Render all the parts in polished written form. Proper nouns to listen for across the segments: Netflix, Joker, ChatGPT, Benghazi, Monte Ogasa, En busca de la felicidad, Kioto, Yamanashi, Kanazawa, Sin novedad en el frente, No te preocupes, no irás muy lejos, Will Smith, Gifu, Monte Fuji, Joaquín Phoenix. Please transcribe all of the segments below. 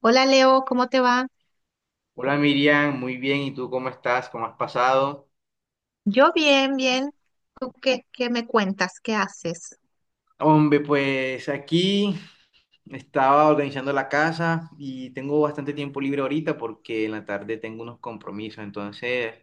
Hola Leo, ¿cómo te va? Hola Miriam, muy bien. ¿Y tú cómo estás? ¿Cómo has pasado? Yo bien, bien. ¿Tú qué me cuentas? ¿Qué haces? Hombre, pues aquí estaba organizando la casa y tengo bastante tiempo libre ahorita porque en la tarde tengo unos compromisos. Entonces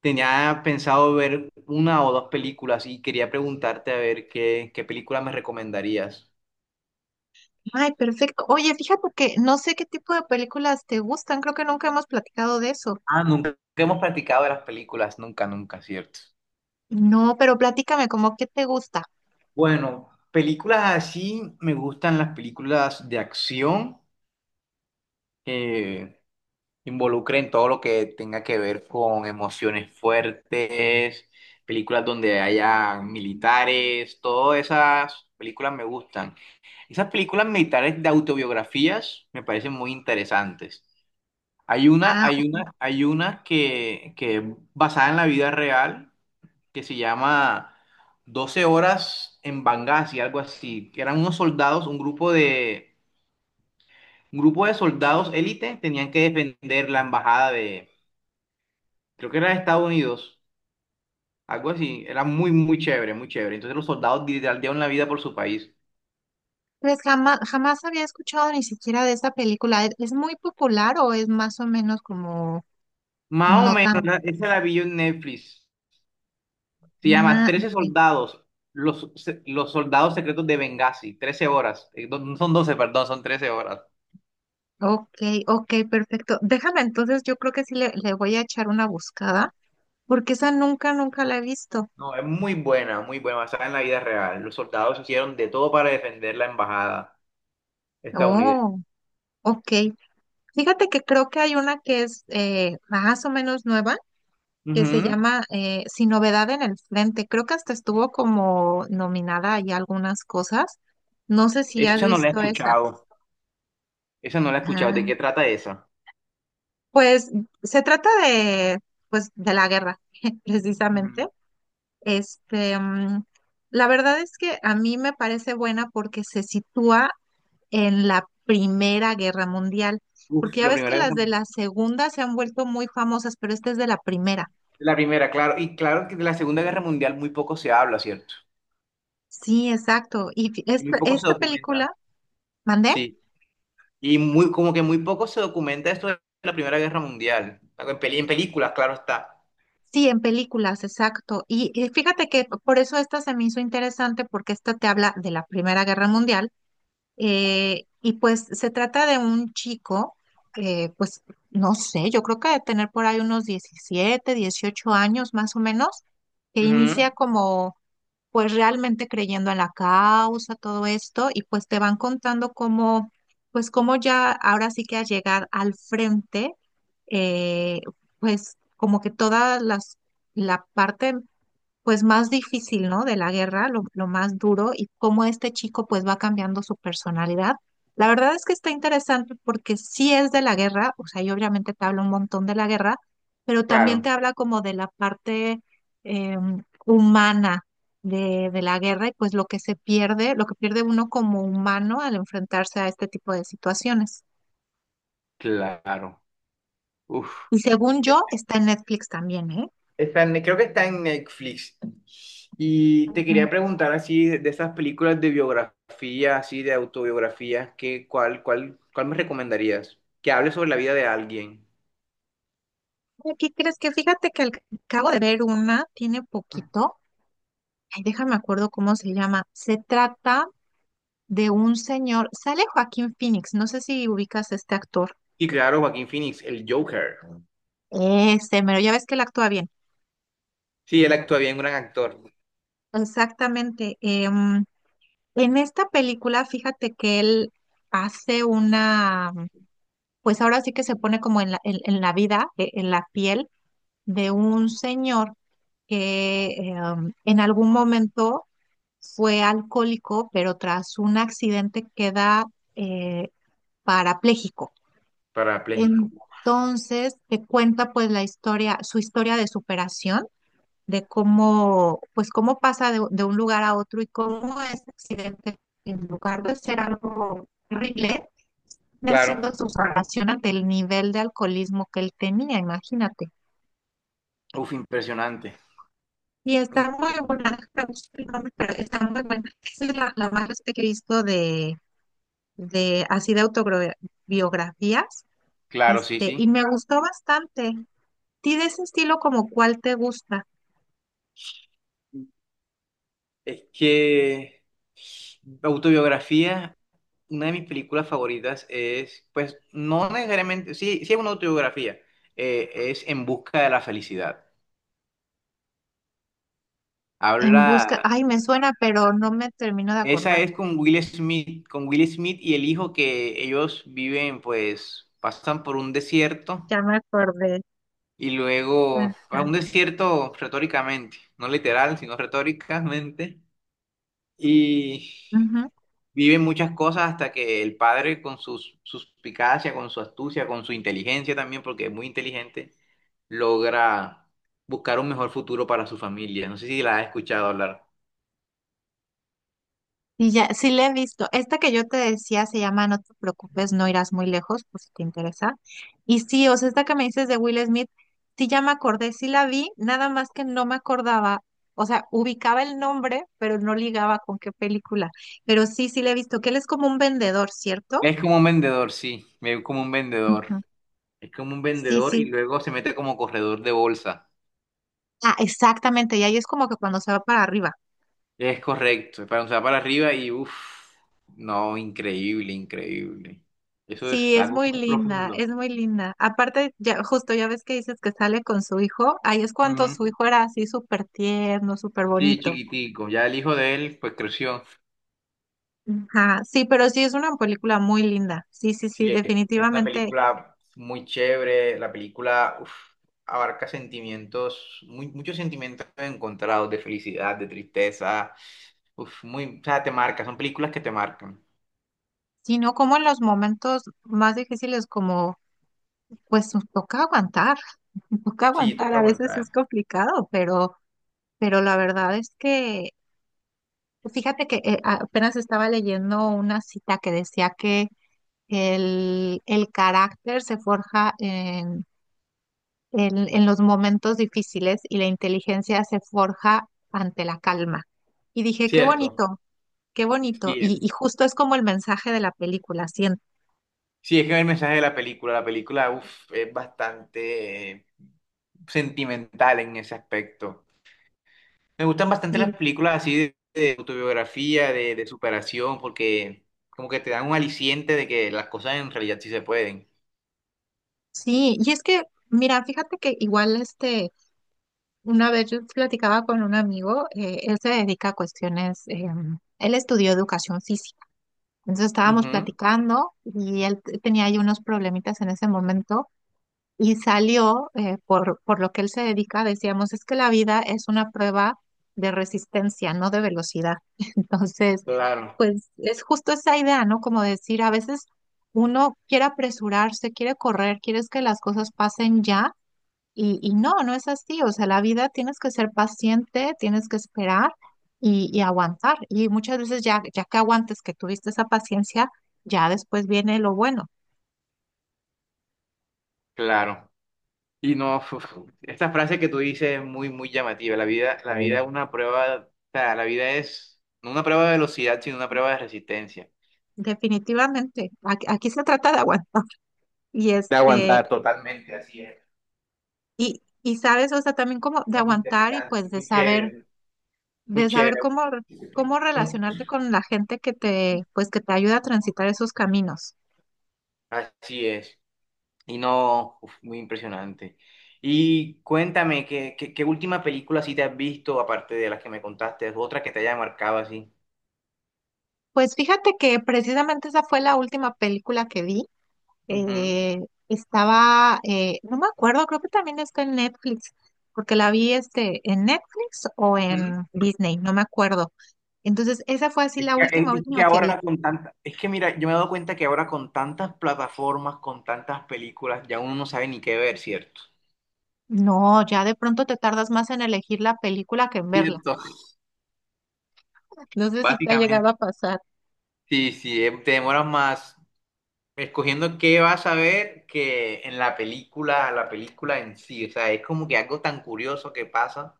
tenía pensado ver una o dos películas y quería preguntarte a ver qué película me recomendarías. Ay, perfecto. Oye, fíjate que no sé qué tipo de películas te gustan. Creo que nunca hemos platicado de eso. Ah, nunca hemos practicado de las películas, nunca, nunca, ¿cierto? No, pero platícame, ¿cómo qué te gusta? Bueno, películas así me gustan las películas de acción. Eh, involucre todo lo que tenga que ver con emociones fuertes, películas donde haya militares, todas esas películas me gustan. Esas películas militares de autobiografías me parecen muy interesantes. Hay una, Ah, hay ok. una, hay una que es basada en la vida real que se llama 12 horas en Benghazi, algo así, que eran unos soldados, un grupo de soldados élite, tenían que defender la embajada creo que era de Estados Unidos, algo así, era muy, muy chévere, muy chévere. Entonces los soldados literal dieron la vida por su país. Pues jamás, jamás había escuchado ni siquiera de esa película. ¿Es muy popular o es más o menos como? Más o No menos, tan. Esa la vi yo en Netflix. Se llama Ah, 13 ok, soldados, los soldados secretos de Benghazi, 13 horas. No son doce, perdón, son 13 horas. ok, ok, perfecto. Déjame entonces, yo creo que sí le voy a echar una buscada, porque esa nunca, nunca la he visto. No, es muy buena, basada en la vida real. Los soldados hicieron de todo para defender la embajada estadounidense. Oh, ok. Fíjate que creo que hay una que es más o menos nueva, que se Ujú. llama Sin novedad en el frente. Creo que hasta estuvo como nominada ahí a algunas cosas. No sé si has Esa no la he visto esa. escuchado. Esa no la he escuchado. ¿De Ah, qué trata esa? pues se trata de, pues, de la guerra, Ujú. precisamente. Este, mm, la verdad es que a mí me parece buena porque se sitúa en la Primera Guerra Mundial, Uf, porque ya la ves que primera vez. las de la Segunda se han vuelto muy famosas, pero esta es de la Primera. La primera, claro. Y claro que de la Segunda Guerra Mundial muy poco se habla, ¿cierto? Sí, exacto. Y fi- Y muy esta, poco se esta documenta. película, ¿mandé? Sí. Y muy, como que muy poco se documenta esto de la Primera Guerra Mundial. En películas, claro está. Sí, en películas, exacto. Y fíjate que por eso esta se me hizo interesante porque esta te habla de la Primera Guerra Mundial. Y pues se trata de un chico, pues no sé, yo creo que de tener por ahí unos 17 18 años más o menos, que Ujú. inicia como pues realmente creyendo en la causa, todo esto, y pues te van contando cómo, pues cómo ya ahora sí que al llegar al frente, eh, pues como que la parte pues más difícil, ¿no? De la guerra, lo más duro y cómo este chico pues va cambiando su personalidad. La verdad es que está interesante porque sí es de la guerra, o sea, yo obviamente te hablo un montón de la guerra, pero también te Claro, habla como de la parte eh, humana de la guerra y pues lo que se pierde, lo que pierde uno como humano al enfrentarse a este tipo de situaciones. claro. Uf. Y según yo, está en Netflix también, ¿eh? Creo que está en Netflix. Y te Ujú. quería preguntar así de esas películas de biografía, así de autobiografía, ¿qué, cuál me recomendarías? Que hable sobre la vida de alguien. ¿Y crees que fíjate que acabo de ver una, tiene poquito, ay, déjame acuerdo cómo se llama. Se trata de un señor, sale Joaquín Phoenix, no sé si ubicas a este actor. Y claro, Joaquín Phoenix, el Joker. Ese, pero ya ves que él actúa bien. Sí, él actúa bien, un gran actor. Exactamente. En esta película, fíjate que él hace una, pues ahora sí que se pone como en la vida, en la piel de un señor que en algún momento fue alcohólico, pero tras un accidente queda eh, parapléjico. Parapléjico. Entonces, te cuenta pues la historia, su historia de superación, de cómo, pues cómo pasa de un lugar a otro y cómo ese accidente, en lugar de ser algo horrible, está haciendo Claro. su salvación ante el nivel de alcoholismo que él tenía, imagínate. Uf, impresionante. Y está muy Impresionante. buena, no sé el nombre, pero está muy buena. Esa es la más que he visto de, así de autobiografías, Claro, sí, este, sí. y me gustó bastante. ¿Ti de ese estilo como cuál te gusta? Es que autobiografía, una de mis películas favoritas es, pues, no necesariamente, sí, sí es una autobiografía, es En busca de la felicidad. En busca, Habla, ay, me suena, pero no me termino de esa acordar. es con Will Smith, y el hijo que ellos viven, pues, pasan por un desierto. Ya me acordé. Y luego a Ajá. un desierto retóricamente, no literal, sino retóricamente. Y Ujú. vive muchas cosas hasta que el padre con su suspicacia, con su astucia, con su inteligencia también, porque es muy inteligente, logra buscar un mejor futuro para su familia. No sé si la has escuchado hablar. Y ya, sí la he visto. Esta que yo te decía se llama No te preocupes, no irás muy lejos, pues si te interesa. Y sí, o sea, esta que me dices de Will Smith, sí ya me acordé, sí la vi, nada más que no me acordaba, o sea, ubicaba el nombre, pero no ligaba con qué película. Pero sí, sí la he visto, que él es como un vendedor, ¿cierto? Es como un vendedor, sí, me veo como un vendedor. Ujú. Es como un Sí, vendedor y sí. luego se mete como corredor de bolsa. Ah, exactamente, y ahí es como que cuando se va para arriba. Es correcto, es para o sea, para arriba y uff, no, increíble, increíble. Eso Sí, es es algo muy muy linda, es profundo. muy linda. Aparte, ya, justo ya ves que dices que sale con su hijo, ahí es cuando Ujú. su hijo era así súper tierno, súper Sí, bonito. chiquitico. Ya el hijo de él, pues creció. Ajá, sí, pero sí es una película muy linda. Sí, sí, sí, Sí, es una definitivamente. película muy chévere. La película uf, abarca sentimientos, muchos sentimientos encontrados de felicidad, de tristeza. Uf, muy, o sea, te marca, son películas que te marcan. Sino como en los momentos más difíciles, como pues nos toca aguantar, nos toca Sí, aguantar. toca A veces es aguantar. complicado, pero la verdad es que, fíjate que apenas estaba leyendo una cita que decía que el carácter se forja en, en los momentos difíciles y la inteligencia se forja ante la calma. Y dije, qué Cierto. bonito, qué bonito. Sí, Y justo es como el mensaje de la película, siento. sí, es que el mensaje de la película uf, es bastante sentimental en ese aspecto. Me gustan bastante Sí, las películas así de autobiografía, de superación, porque como que te dan un aliciente de que las cosas en realidad sí se pueden. sí, y es que, mira, fíjate que igual este, una vez yo platicaba con un amigo, él se dedica a cuestiones, él estudió educación física. Entonces estábamos Ujú, platicando y él tenía ahí unos problemitas en ese momento, y salió, por lo que él se dedica, decíamos, es que la vida es una prueba de resistencia, no de velocidad. Entonces, claro, pues es justo esa idea, ¿no? Como decir, a veces uno quiere apresurarse, quiere correr, quieres que las cosas pasen ya, y no, no es así. O sea, la vida tienes que ser paciente, tienes que esperar y aguantar. Y muchas veces ya, ya que aguantes, que tuviste esa paciencia, ya después viene lo bueno. claro. Y no, uf, esta frase que tú dices es muy, muy llamativa. La vida, bueno, es, bueno, una prueba, o sea, la vida es no una prueba de velocidad, sino una prueba de resistencia. Definitivamente, aquí se trata de aguantar. Y De este, aguantar. Totalmente, así es. y sabes, o sea, también como de Muy aguantar y pues interesante, de muy saber, chévere. Muy de saber chévere. cómo, re- cómo ¿Cómo? relacionarte con la gente que te, pues que te ayuda a transitar esos caminos. Así es. Y no, uf, muy impresionante. Y cuéntame, ¿qué última película sí te has visto, aparte de las que me contaste, otra que te haya marcado así? Pues fíjate que precisamente esa fue la última película que vi. Ujú, Eh, Estaba, no me acuerdo, creo que también está en Netflix, porque la vi este, en Netflix o ujú. en Disney, no me acuerdo. Entonces, esa fue así Es la que, es- última, es que última que vi. ahora con tantas, es que mira, yo me he dado cuenta que ahora con tantas plataformas, con tantas películas, ya uno no sabe ni qué ver, ¿cierto? No, ya de pronto te tardas más en elegir la película que en verla. Cierto, No sé si te ha llegado básicamente. a pasar. Sí, sí, te demoras más. Escogiendo qué vas a ver que en la película en sí, o sea, es como que algo tan curioso que pasa.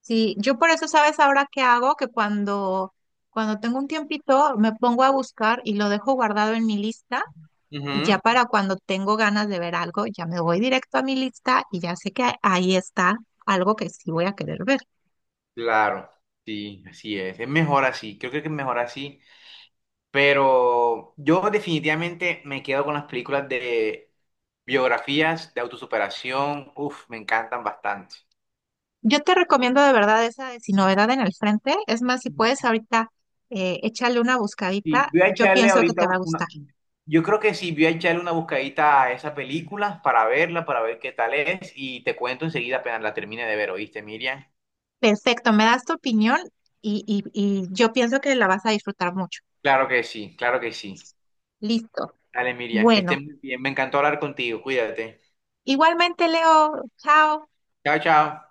Sí, yo por eso, ¿sabes ahora qué hago? Que cuando tengo un tiempito me pongo a buscar y lo dejo guardado en mi lista Ujú. y ya para cuando tengo ganas de ver algo, ya me voy directo a mi lista y ya sé que ahí está algo que sí voy a querer ver. Claro, sí, así es mejor así, creo que es mejor así, pero yo definitivamente me quedo con las películas de biografías, de autosuperación, uff, me encantan bastante. Yo te recomiendo de verdad esa de Sin Novedad en el Frente. Es más, si puedes ahorita échale una Sí, buscadita, voy a yo echarle pienso que ahorita te va a una... gustar. Yo creo que sí, voy a echarle una buscadita a esa película para verla, para ver qué tal es y te cuento enseguida apenas la termine de ver, ¿oíste, Miriam? Perfecto, me das tu opinión y, y yo pienso que la vas a disfrutar mucho. Claro que sí, claro que sí. Listo. Dale, Miriam, que Bueno, estés muy bien. Me encantó hablar contigo. Cuídate. igualmente Leo, chao. Chao, chao.